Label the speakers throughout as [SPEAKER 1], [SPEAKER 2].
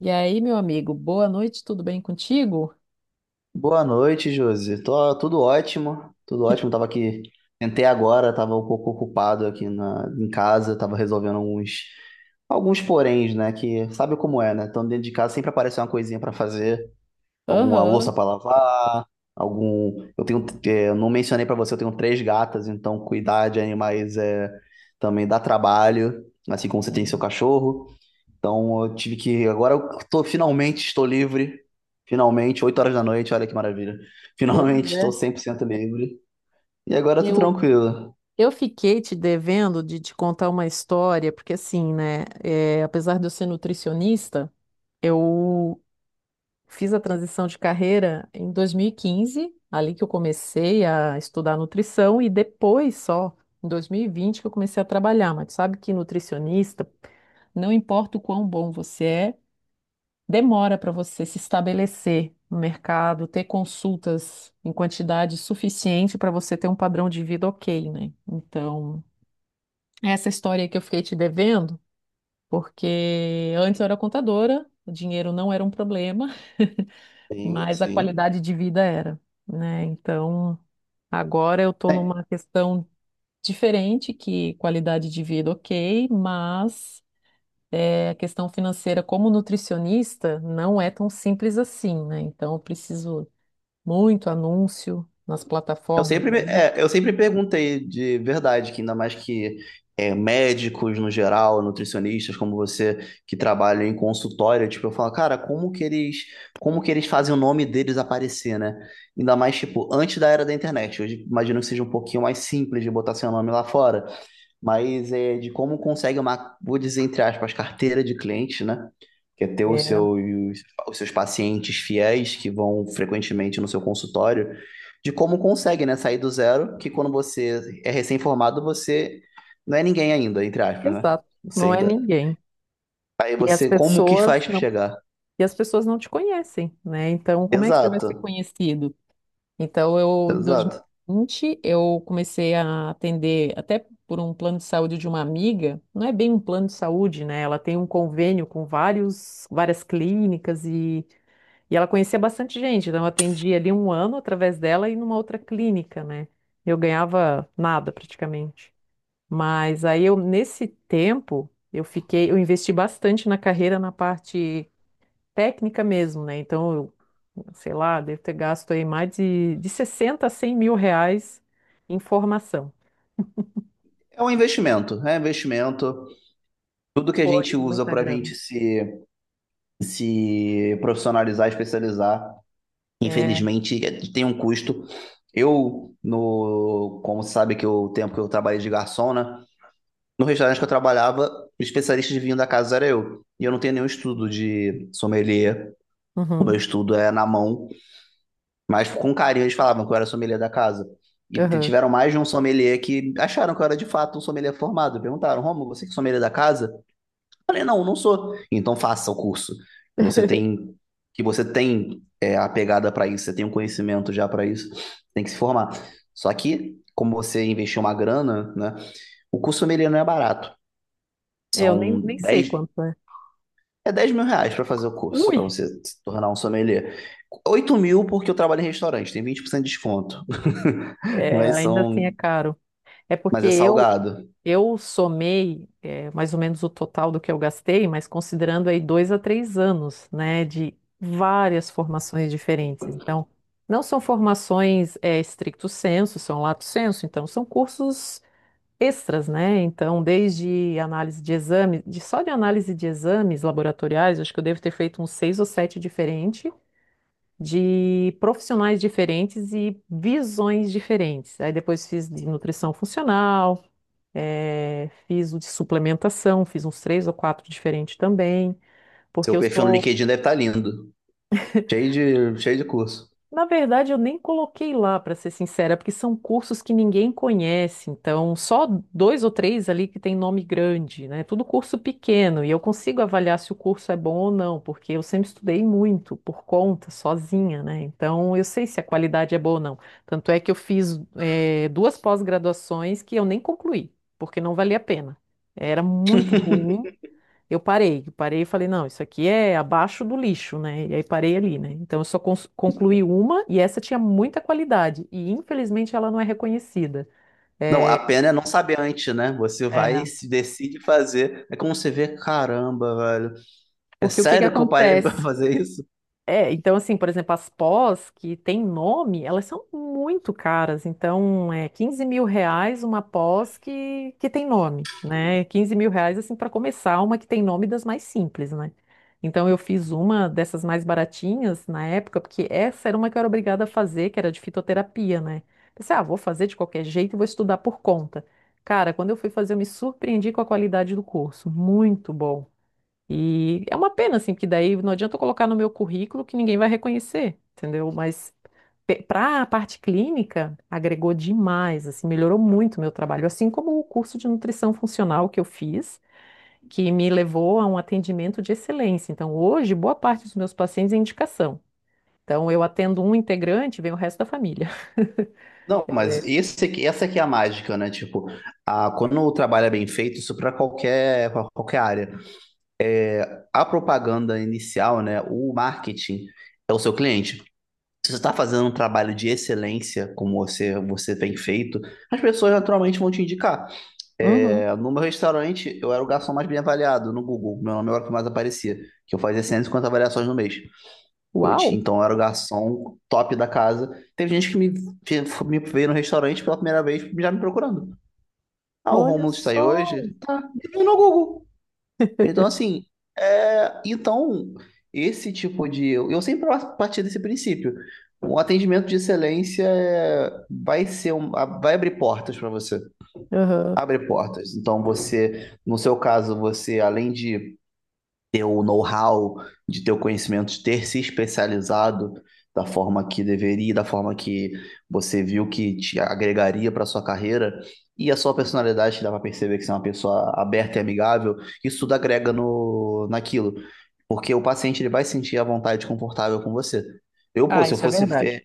[SPEAKER 1] E aí, meu amigo, boa noite, tudo bem contigo?
[SPEAKER 2] Boa noite, Josi. Tô, tudo ótimo, tudo ótimo. Tava aqui, tentei agora, tava um pouco ocupado aqui em casa, tava resolvendo alguns poréns, né? Que sabe como é, né? Então, dentro de casa sempre aparece uma coisinha pra fazer, alguma louça
[SPEAKER 1] Aham.
[SPEAKER 2] pra lavar, algum. Eu não mencionei pra você, eu tenho três gatas, então cuidar de animais também dá trabalho, assim como você tem seu
[SPEAKER 1] Sim.
[SPEAKER 2] cachorro. Então eu tive que. Agora finalmente estou livre. Finalmente, 8 horas da noite, olha que maravilha. Finalmente
[SPEAKER 1] Pois
[SPEAKER 2] estou
[SPEAKER 1] é.
[SPEAKER 2] 100% livre. E agora eu tô
[SPEAKER 1] Eu,
[SPEAKER 2] tranquilo.
[SPEAKER 1] eu fiquei te devendo de te contar uma história, porque assim, né, é, apesar de eu ser nutricionista, eu fiz a transição de carreira em 2015, ali que eu comecei a estudar nutrição, e depois só, em 2020, que eu comecei a trabalhar. Mas tu sabe que nutricionista, não importa o quão bom você é, demora para você se estabelecer no mercado, ter consultas em quantidade suficiente para você ter um padrão de vida ok, né? Então, essa história que eu fiquei te devendo, porque antes eu era contadora, o dinheiro não era um problema,
[SPEAKER 2] Sim,
[SPEAKER 1] mas a
[SPEAKER 2] sim.
[SPEAKER 1] qualidade de vida era, né? Então, agora eu estou
[SPEAKER 2] É,
[SPEAKER 1] numa questão diferente, que qualidade de vida ok, mas é, a questão financeira como nutricionista não é tão simples assim, né? Então eu preciso muito anúncio nas
[SPEAKER 2] eu
[SPEAKER 1] plataformas
[SPEAKER 2] sempre,
[SPEAKER 1] aí.
[SPEAKER 2] é, eu sempre perguntei de verdade, que ainda mais que médicos no geral, nutricionistas como você, que trabalham em consultório, tipo, eu falo, cara, como que eles fazem o nome deles aparecer, né? Ainda mais, tipo, antes da era da internet. Hoje imagino que seja um pouquinho mais simples de botar seu nome lá fora. Mas é de como consegue uma, vou dizer entre aspas, carteira de cliente, né? Que é ter
[SPEAKER 1] É,
[SPEAKER 2] seus, os seus pacientes fiéis que vão frequentemente no seu consultório, de como consegue, né? Sair do zero, que quando você é recém-formado, você não é ninguém ainda, entre aspas, né?
[SPEAKER 1] exato.
[SPEAKER 2] Você
[SPEAKER 1] Não é
[SPEAKER 2] ainda.
[SPEAKER 1] ninguém.
[SPEAKER 2] Aí
[SPEAKER 1] E as
[SPEAKER 2] você, como que
[SPEAKER 1] pessoas
[SPEAKER 2] faz para
[SPEAKER 1] não,
[SPEAKER 2] chegar?
[SPEAKER 1] e as pessoas não te conhecem, né? Então como é que você vai ser
[SPEAKER 2] Exato,
[SPEAKER 1] conhecido? Então eu, em
[SPEAKER 2] exato.
[SPEAKER 1] 2020, eu comecei a atender até por um plano de saúde de uma amiga. Não é bem um plano de saúde, né? Ela tem um convênio com várias clínicas e ela conhecia bastante gente, então eu atendi ali um ano através dela e numa outra clínica, né? Eu ganhava nada praticamente. Mas aí eu, nesse tempo, eu fiquei, eu investi bastante na carreira na parte técnica mesmo, né? Então, eu, sei lá, devo ter gasto aí mais de 60 a 100 mil reais em formação.
[SPEAKER 2] É um investimento, é um investimento. Tudo que a
[SPEAKER 1] Foi
[SPEAKER 2] gente usa
[SPEAKER 1] muita
[SPEAKER 2] para a
[SPEAKER 1] grana.
[SPEAKER 2] gente se profissionalizar, especializar,
[SPEAKER 1] É,
[SPEAKER 2] infelizmente, tem um custo. Eu, no, como sabe que o tempo que eu trabalhei de garçom, né? No restaurante que eu trabalhava, o especialista de vinho da casa era eu. E eu não tenho nenhum estudo de sommelier. O meu
[SPEAKER 1] uhum,
[SPEAKER 2] estudo é na mão. Mas com carinho eles falavam que eu era sommelier da casa. E
[SPEAKER 1] uhum.
[SPEAKER 2] tiveram mais de um sommelier que acharam que eu era de fato um sommelier formado. Perguntaram, Romulo, você que é sommelier da casa? Falei, não, não sou. Então faça o curso. Que você tem, que você tem a pegada para isso, você tem um conhecimento já para isso, tem que se formar. Só que, como você investiu uma grana, né? O curso sommelier não é barato.
[SPEAKER 1] É, Eu nem,
[SPEAKER 2] São
[SPEAKER 1] nem sei
[SPEAKER 2] 10,
[SPEAKER 1] quanto é.
[SPEAKER 2] 10 mil reais para fazer o curso,
[SPEAKER 1] Ui,
[SPEAKER 2] para você se tornar um sommelier. 8 mil porque eu trabalho em restaurante, tem 20% de desconto.
[SPEAKER 1] é,
[SPEAKER 2] mas
[SPEAKER 1] ainda assim
[SPEAKER 2] são,
[SPEAKER 1] é caro. É
[SPEAKER 2] mas
[SPEAKER 1] porque
[SPEAKER 2] é
[SPEAKER 1] eu,
[SPEAKER 2] salgado.
[SPEAKER 1] Eu somei mais ou menos o total do que eu gastei, mas considerando aí 2 a 3 anos, né, de várias formações diferentes. Então, não são formações stricto sensu, são lato sensu, então são cursos extras, né? Então, desde análise de exames, só de análise de exames laboratoriais, acho que eu devo ter feito uns seis ou sete diferentes, de profissionais diferentes e visões diferentes. Aí depois fiz de nutrição funcional fiz o de suplementação, fiz uns três ou quatro diferentes também,
[SPEAKER 2] Seu
[SPEAKER 1] porque eu
[SPEAKER 2] perfil no
[SPEAKER 1] sou.
[SPEAKER 2] LinkedIn deve estar lindo. Cheio de curso.
[SPEAKER 1] Na verdade, eu nem coloquei lá, para ser sincera, porque são cursos que ninguém conhece, então só dois ou três ali que tem nome grande, né? Tudo curso pequeno, e eu consigo avaliar se o curso é bom ou não, porque eu sempre estudei muito por conta, sozinha, né? Então eu sei se a qualidade é boa ou não. Tanto é que eu fiz, duas pós-graduações que eu nem concluí, porque não valia a pena. Era muito ruim. Eu parei e falei, não, isso aqui é abaixo do lixo, né? E aí parei ali, né? Então eu só concluí uma e essa tinha muita qualidade e infelizmente ela não é reconhecida.
[SPEAKER 2] Não, a
[SPEAKER 1] É,
[SPEAKER 2] pena é não saber antes, né? Você vai,
[SPEAKER 1] é,
[SPEAKER 2] se decide fazer. É como você vê, caramba, velho. É
[SPEAKER 1] porque o que que
[SPEAKER 2] sério que eu parei pra
[SPEAKER 1] acontece?
[SPEAKER 2] fazer isso?
[SPEAKER 1] É, então assim, por exemplo, as pós que tem nome, elas são muito caras. Então, é 15 mil reais uma pós que tem nome, né? 15 mil reais, assim, para começar, uma que tem nome das mais simples, né? Então, eu fiz uma dessas mais baratinhas na época, porque essa era uma que eu era obrigada a fazer, que era de fitoterapia, né? Pensei, ah, vou fazer de qualquer jeito e vou estudar por conta. Cara, quando eu fui fazer, eu me surpreendi com a qualidade do curso. Muito bom. E é uma pena, assim, porque daí não adianta eu colocar no meu currículo que ninguém vai reconhecer, entendeu? Mas para a parte clínica, agregou demais, assim, melhorou muito o meu trabalho, assim como o curso de nutrição funcional que eu fiz, que me levou a um atendimento de excelência. Então, hoje, boa parte dos meus pacientes é indicação. Então, eu atendo um integrante, vem o resto da família.
[SPEAKER 2] Não, mas esse aqui, essa aqui é a mágica, né? Tipo, quando o trabalho é bem feito, isso para pra qualquer área. A propaganda inicial, né? O marketing é o seu cliente. Se você está fazendo um trabalho de excelência, como você, você tem feito, as pessoas naturalmente vão te indicar.
[SPEAKER 1] Uhum.
[SPEAKER 2] É, no meu restaurante, eu era o garçom mais bem avaliado no Google. Meu nome era o que mais aparecia, que eu fazia 150 avaliações no mês. Eu
[SPEAKER 1] Uau!
[SPEAKER 2] tinha, então, eu era o garçom top da casa. Teve gente que me veio no restaurante pela primeira vez já me procurando. Ah, o
[SPEAKER 1] Olha
[SPEAKER 2] Rômulo está aí
[SPEAKER 1] só!
[SPEAKER 2] hoje? Tá, ele veio no Google. Então, assim, é, então, esse tipo de. Eu sempre parti desse princípio. Um atendimento de excelência vai abrir portas para você,
[SPEAKER 1] Uhum.
[SPEAKER 2] abre portas. Então você, no seu caso, você além de ter o know-how, de ter o conhecimento, de ter se especializado da forma que deveria, da forma que você viu que te agregaria para sua carreira e a sua personalidade te dá para perceber que você é uma pessoa aberta e amigável, isso tudo agrega no naquilo, porque o paciente ele vai sentir a vontade confortável com você. Eu, pô,
[SPEAKER 1] Ah,
[SPEAKER 2] se eu
[SPEAKER 1] isso é
[SPEAKER 2] fosse
[SPEAKER 1] verdade.
[SPEAKER 2] eh,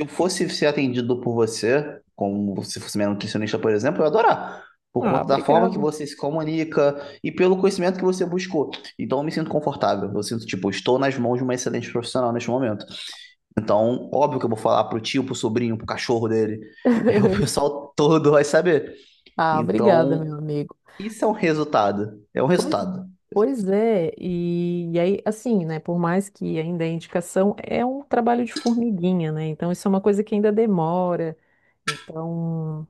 [SPEAKER 2] se eu fosse ser atendido por você, como se fosse minha nutricionista, por exemplo, eu ia adorar. Por
[SPEAKER 1] Ah,
[SPEAKER 2] conta da forma
[SPEAKER 1] obrigada.
[SPEAKER 2] que você se comunica e pelo conhecimento que você buscou. Então eu me sinto confortável. Eu sinto, tipo, estou nas mãos de uma excelente profissional neste momento. Então, óbvio que eu vou falar pro tio, pro sobrinho, pro cachorro dele. O pessoal todo vai saber.
[SPEAKER 1] Ah, obrigada,
[SPEAKER 2] Então,
[SPEAKER 1] meu amigo.
[SPEAKER 2] isso é um resultado. É um
[SPEAKER 1] Pois,
[SPEAKER 2] resultado.
[SPEAKER 1] pois é, e aí, assim, né, por mais que ainda a indicação é um trabalho de formiguinha, né, então isso é uma coisa que ainda demora, então,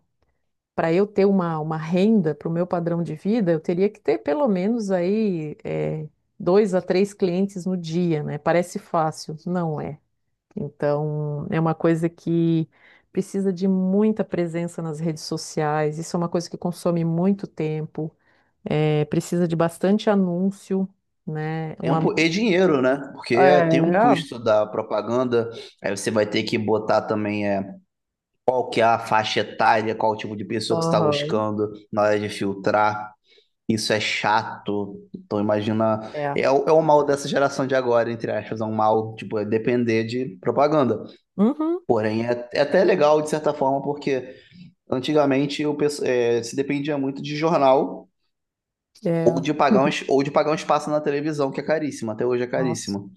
[SPEAKER 1] para eu ter uma renda para o meu padrão de vida, eu teria que ter pelo menos aí é, 2 a 3 clientes no dia, né, parece fácil, não é, então, é uma coisa que precisa de muita presença nas redes sociais, isso é uma coisa que consome muito tempo, é, precisa de bastante anúncio, né?
[SPEAKER 2] Tempo e dinheiro, né? Porque
[SPEAKER 1] É,
[SPEAKER 2] tem um custo da propaganda. Aí você vai ter que botar também qual que é a faixa etária, qual o tipo de pessoa que você está
[SPEAKER 1] aham,
[SPEAKER 2] buscando na hora de filtrar. Isso é chato. Então imagina,
[SPEAKER 1] é.
[SPEAKER 2] é o mal dessa geração de agora, entre aspas, é um mal, tipo, é depender de propaganda.
[SPEAKER 1] Uhum,
[SPEAKER 2] Porém, é até legal de certa forma, porque antigamente se dependia muito de jornal, ou
[SPEAKER 1] é,
[SPEAKER 2] de pagar um, es- ou de pagar um espaço na televisão, que é caríssimo, até hoje é
[SPEAKER 1] Nossa.
[SPEAKER 2] caríssimo.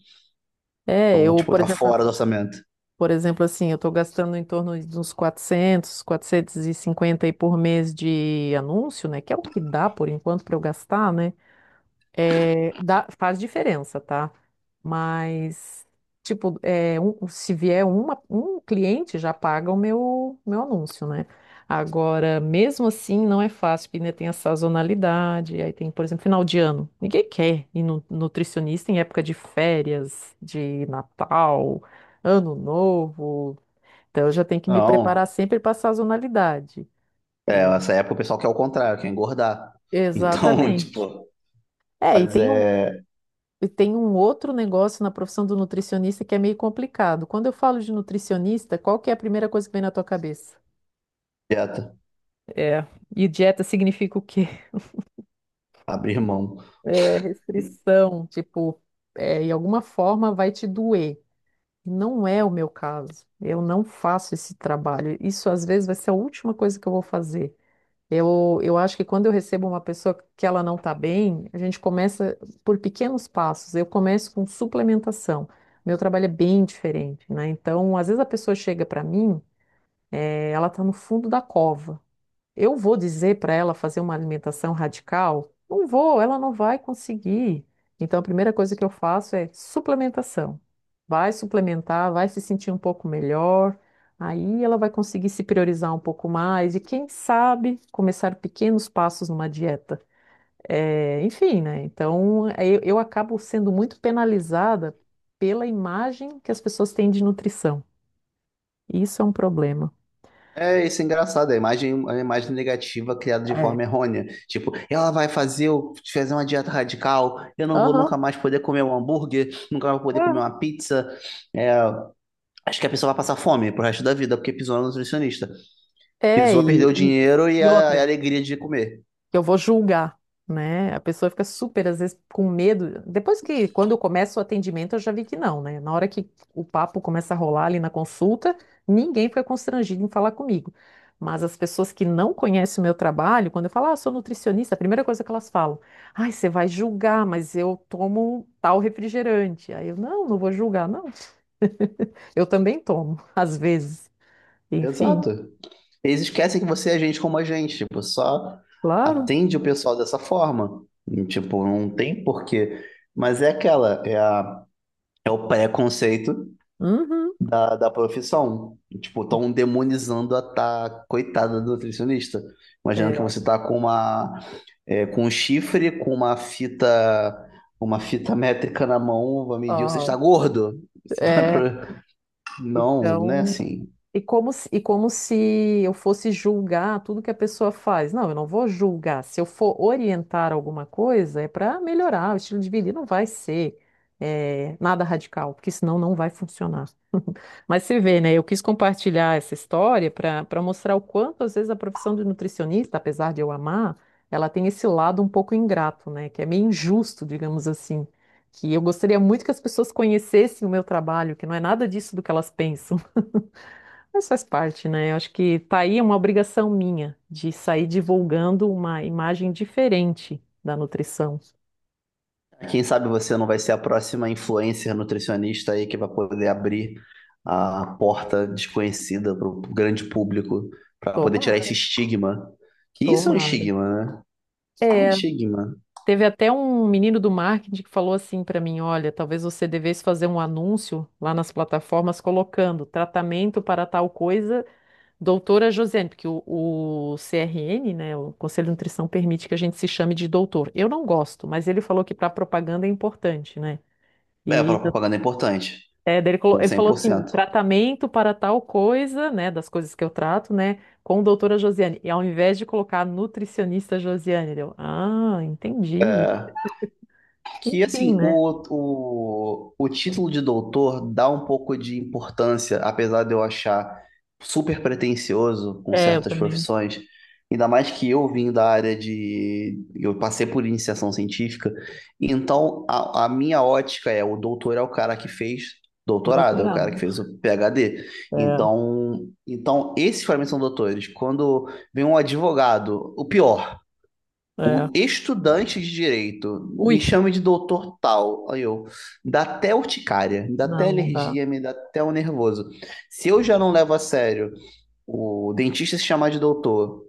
[SPEAKER 1] É,
[SPEAKER 2] Então,
[SPEAKER 1] eu,
[SPEAKER 2] tipo, tá fora do orçamento.
[SPEAKER 1] por exemplo, assim, eu estou gastando em torno de uns 400, 450 aí por mês de anúncio, né? Que é o que dá por enquanto para eu gastar, né? É, faz diferença, tá? Mas, tipo, é, se vier um cliente, já paga o meu anúncio, né? Agora, mesmo assim, não é fácil, porque ainda tem a sazonalidade, aí tem, por exemplo, final de ano. Ninguém quer ir no nutricionista em época de férias, de Natal, Ano Novo. Então, eu já tenho que me preparar
[SPEAKER 2] Não,
[SPEAKER 1] sempre para a sazonalidade. E-
[SPEAKER 2] essa época o pessoal quer o contrário, quer engordar. Então,
[SPEAKER 1] Exatamente.
[SPEAKER 2] tipo,
[SPEAKER 1] É, e
[SPEAKER 2] mas
[SPEAKER 1] tem um e tem um outro negócio na profissão do nutricionista que é meio complicado. Quando eu falo de nutricionista, qual que é a primeira coisa que vem na tua cabeça?
[SPEAKER 2] dieta,
[SPEAKER 1] É, e dieta significa o quê?
[SPEAKER 2] abrir mão.
[SPEAKER 1] É, restrição, tipo, é, em alguma forma vai te doer. Não é o meu caso. Eu não faço esse trabalho. Isso às vezes vai ser a última coisa que eu vou fazer. Eu acho que quando eu recebo uma pessoa que ela não está bem, a gente começa por pequenos passos. Eu começo com suplementação. Meu trabalho é bem diferente, né? Então, às vezes a pessoa chega para mim, ela está no fundo da cova. Eu vou dizer para ela fazer uma alimentação radical? Não vou, ela não vai conseguir. Então, a primeira coisa que eu faço é suplementação. Vai suplementar, vai se sentir um pouco melhor. Aí ela vai conseguir se priorizar um pouco mais e, quem sabe, começar pequenos passos numa dieta. É, enfim, né? Então, é, eu acabo sendo muito penalizada pela imagem que as pessoas têm de nutrição. Isso é um problema.
[SPEAKER 2] É, isso é engraçado, é a imagem negativa criada de
[SPEAKER 1] É.
[SPEAKER 2] forma errônea. Tipo, ela vai fazer, fazer uma dieta radical, eu não vou
[SPEAKER 1] Aham.
[SPEAKER 2] nunca mais poder comer um hambúrguer, nunca mais vou poder comer uma
[SPEAKER 1] É,
[SPEAKER 2] pizza. É, acho que a pessoa vai passar fome pro resto da vida, porque pisou no nutricionista.
[SPEAKER 1] é,
[SPEAKER 2] Pisou, perdeu o
[SPEAKER 1] e
[SPEAKER 2] dinheiro e
[SPEAKER 1] e
[SPEAKER 2] a,
[SPEAKER 1] outra.
[SPEAKER 2] a alegria de comer.
[SPEAKER 1] Eu vou julgar, né? A pessoa fica super, às vezes, com medo. Depois que, quando eu começo o atendimento, eu já vi que não, né? Na hora que o papo começa a rolar ali na consulta, ninguém fica constrangido em falar comigo. Mas as pessoas que não conhecem o meu trabalho, quando eu falo, ah, sou nutricionista, a primeira coisa que elas falam, ai, você vai julgar, mas eu tomo tal refrigerante. Aí eu, não, não vou julgar, não. Eu também tomo, às vezes. Enfim,
[SPEAKER 2] Exato. Eles esquecem que você é gente como a gente, tipo, só
[SPEAKER 1] claro.
[SPEAKER 2] atende o pessoal dessa forma. E tipo, não tem porquê. Mas é aquela, é a É o preconceito
[SPEAKER 1] Uhum.
[SPEAKER 2] da profissão. Tipo, estão demonizando a tá, coitada do nutricionista. Imagina que
[SPEAKER 1] É,
[SPEAKER 2] você tá com um chifre, com uma fita métrica na mão, vai medir, você
[SPEAKER 1] ó,
[SPEAKER 2] está gordo. Você vai
[SPEAKER 1] é,
[SPEAKER 2] pro. Não, né? É
[SPEAKER 1] então
[SPEAKER 2] assim.
[SPEAKER 1] e como se eu fosse julgar tudo que a pessoa faz. Não, eu não vou julgar. Se eu for orientar alguma coisa, é para melhorar o estilo de vida. E não vai ser nada radical, porque senão não vai funcionar. Mas você vê, né? Eu quis compartilhar essa história para mostrar o quanto, às vezes, a profissão de nutricionista, apesar de eu amar, ela tem esse lado um pouco ingrato, né? Que é meio injusto, digamos assim. Que eu gostaria muito que as pessoas conhecessem o meu trabalho, que não é nada disso do que elas pensam. Mas faz parte, né? Eu acho que tá aí é uma obrigação minha de sair divulgando uma imagem diferente da nutrição.
[SPEAKER 2] Quem sabe você não vai ser a próxima influencer nutricionista aí que vai poder abrir a porta desconhecida para o grande público para poder tirar
[SPEAKER 1] Tomara,
[SPEAKER 2] esse estigma. Que isso é um
[SPEAKER 1] tomara.
[SPEAKER 2] estigma, né? É um
[SPEAKER 1] É,
[SPEAKER 2] estigma.
[SPEAKER 1] teve até um menino do marketing que falou assim pra mim, olha, talvez você devesse fazer um anúncio lá nas plataformas colocando tratamento para tal coisa, doutora Josiane, porque o CRN, né, o Conselho de Nutrição permite que a gente se chame de doutor. Eu não gosto, mas ele falou que para propaganda é importante, né?
[SPEAKER 2] É, a
[SPEAKER 1] E
[SPEAKER 2] propaganda é importante.
[SPEAKER 1] É, daí ele,
[SPEAKER 2] Com
[SPEAKER 1] ele falou assim,
[SPEAKER 2] 100%.
[SPEAKER 1] tratamento para tal coisa, né, das coisas que eu trato, né, com doutora Josiane. E ao invés de colocar nutricionista Josiane, deu, ah, entendi.
[SPEAKER 2] É. Que,
[SPEAKER 1] Enfim,
[SPEAKER 2] assim,
[SPEAKER 1] né?
[SPEAKER 2] o título de doutor dá um pouco de importância, apesar de eu achar super pretensioso com
[SPEAKER 1] É, eu
[SPEAKER 2] certas
[SPEAKER 1] também,
[SPEAKER 2] profissões. Ainda mais que eu vim da área de. Eu passei por iniciação científica. Então, a minha ótica é: o doutor é o cara que fez doutorado, é o cara que
[SPEAKER 1] doutorado.
[SPEAKER 2] fez o PhD.
[SPEAKER 1] É,
[SPEAKER 2] Então esses para mim são doutores. Quando vem um advogado, o pior
[SPEAKER 1] é.
[SPEAKER 2] O estudante de direito
[SPEAKER 1] Ui,
[SPEAKER 2] me chama de doutor tal. Me dá até urticária, me dá até
[SPEAKER 1] não, não dá.
[SPEAKER 2] alergia, me dá até um nervoso. Se eu já não levo a sério o dentista se chamar de doutor,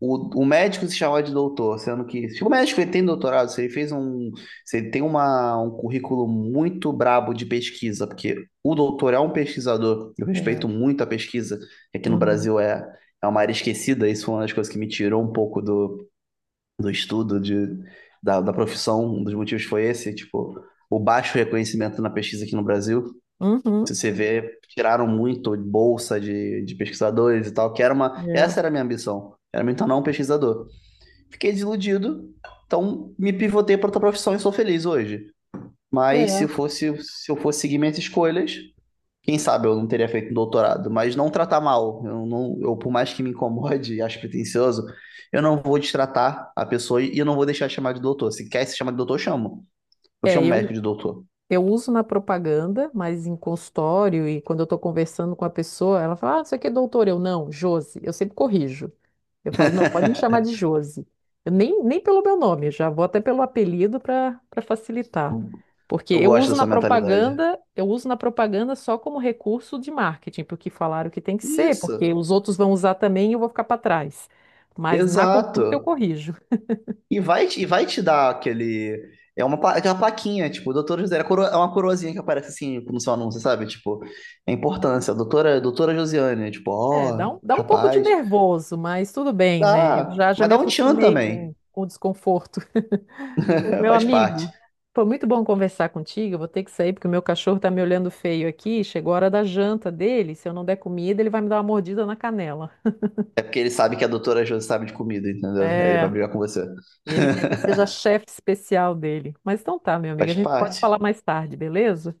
[SPEAKER 2] o médico se chamar de doutor, sendo que se o médico ele tem doutorado, se ele fez um, se ele tem um currículo muito brabo de pesquisa, porque o doutor é um pesquisador, eu
[SPEAKER 1] É.
[SPEAKER 2] respeito muito a pesquisa, que aqui no
[SPEAKER 1] Uhum.
[SPEAKER 2] Brasil é uma área esquecida, isso foi uma das coisas que me tirou um pouco do do estudo de, da profissão, um dos motivos foi esse, tipo, o baixo reconhecimento na pesquisa aqui no Brasil.
[SPEAKER 1] Uhum.
[SPEAKER 2] Se você vê, tiraram muito bolsa de pesquisadores e tal, que era uma. Essa era a minha ambição. Era me tornar um pesquisador. Fiquei desiludido, então me pivotei para outra profissão e sou feliz hoje.
[SPEAKER 1] É.
[SPEAKER 2] Mas se
[SPEAKER 1] É.
[SPEAKER 2] eu fosse, se eu fosse seguir minhas escolhas, quem sabe eu não teria feito um doutorado, mas não tratar mal. Eu não, eu, por mais que me incomode e acho pretencioso, eu não vou destratar a pessoa e eu não vou deixar de chamar de doutor. Se quer se chamar de doutor, eu chamo. Eu
[SPEAKER 1] É,
[SPEAKER 2] chamo o
[SPEAKER 1] eu,
[SPEAKER 2] médico de doutor.
[SPEAKER 1] eu uso na propaganda, mas em consultório e quando eu tô conversando com a pessoa, ela fala, ah, isso aqui é doutor. Eu, não, Josi. Eu sempre corrijo. Eu falo, não, pode me chamar de Josi. Eu nem pelo meu nome, eu já vou até pelo apelido para facilitar. Porque
[SPEAKER 2] Eu
[SPEAKER 1] eu
[SPEAKER 2] gosto
[SPEAKER 1] uso na
[SPEAKER 2] dessa mentalidade.
[SPEAKER 1] propaganda, eu uso na propaganda só como recurso de marketing, porque falaram que tem que ser, porque
[SPEAKER 2] Isso,
[SPEAKER 1] os outros vão usar também e eu vou ficar para trás. Mas na consulta eu
[SPEAKER 2] exato.
[SPEAKER 1] corrijo.
[SPEAKER 2] E e vai te dar aquele. Aquela plaquinha, tipo, doutora Josiane, é uma coroazinha que aparece assim no seu anúncio, sabe? Tipo, a importância, doutora Josiane, tipo,
[SPEAKER 1] É,
[SPEAKER 2] ó,
[SPEAKER 1] dá um pouco de
[SPEAKER 2] rapaz.
[SPEAKER 1] nervoso, mas tudo bem, né? Eu
[SPEAKER 2] Dá,
[SPEAKER 1] já
[SPEAKER 2] mas
[SPEAKER 1] me
[SPEAKER 2] dá um tchan
[SPEAKER 1] acostumei
[SPEAKER 2] também.
[SPEAKER 1] com o desconforto. Pois, meu
[SPEAKER 2] Faz parte.
[SPEAKER 1] amigo, foi muito bom conversar contigo. Eu vou ter que sair porque o meu cachorro tá me olhando feio aqui. Chegou a hora da janta dele. Se eu não der comida, ele vai me dar uma mordida na canela.
[SPEAKER 2] É porque ele sabe que a doutora Josi sabe de comida, entendeu? Aí ele vai
[SPEAKER 1] É,
[SPEAKER 2] brigar com você.
[SPEAKER 1] ele quer que eu seja a chefe especial dele. Mas então tá, meu amigo, a
[SPEAKER 2] Faz
[SPEAKER 1] gente pode
[SPEAKER 2] parte.
[SPEAKER 1] falar mais tarde, beleza?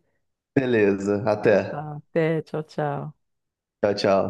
[SPEAKER 2] Beleza,
[SPEAKER 1] Então
[SPEAKER 2] até.
[SPEAKER 1] tá, até, tchau, tchau.
[SPEAKER 2] Tchau, tchau.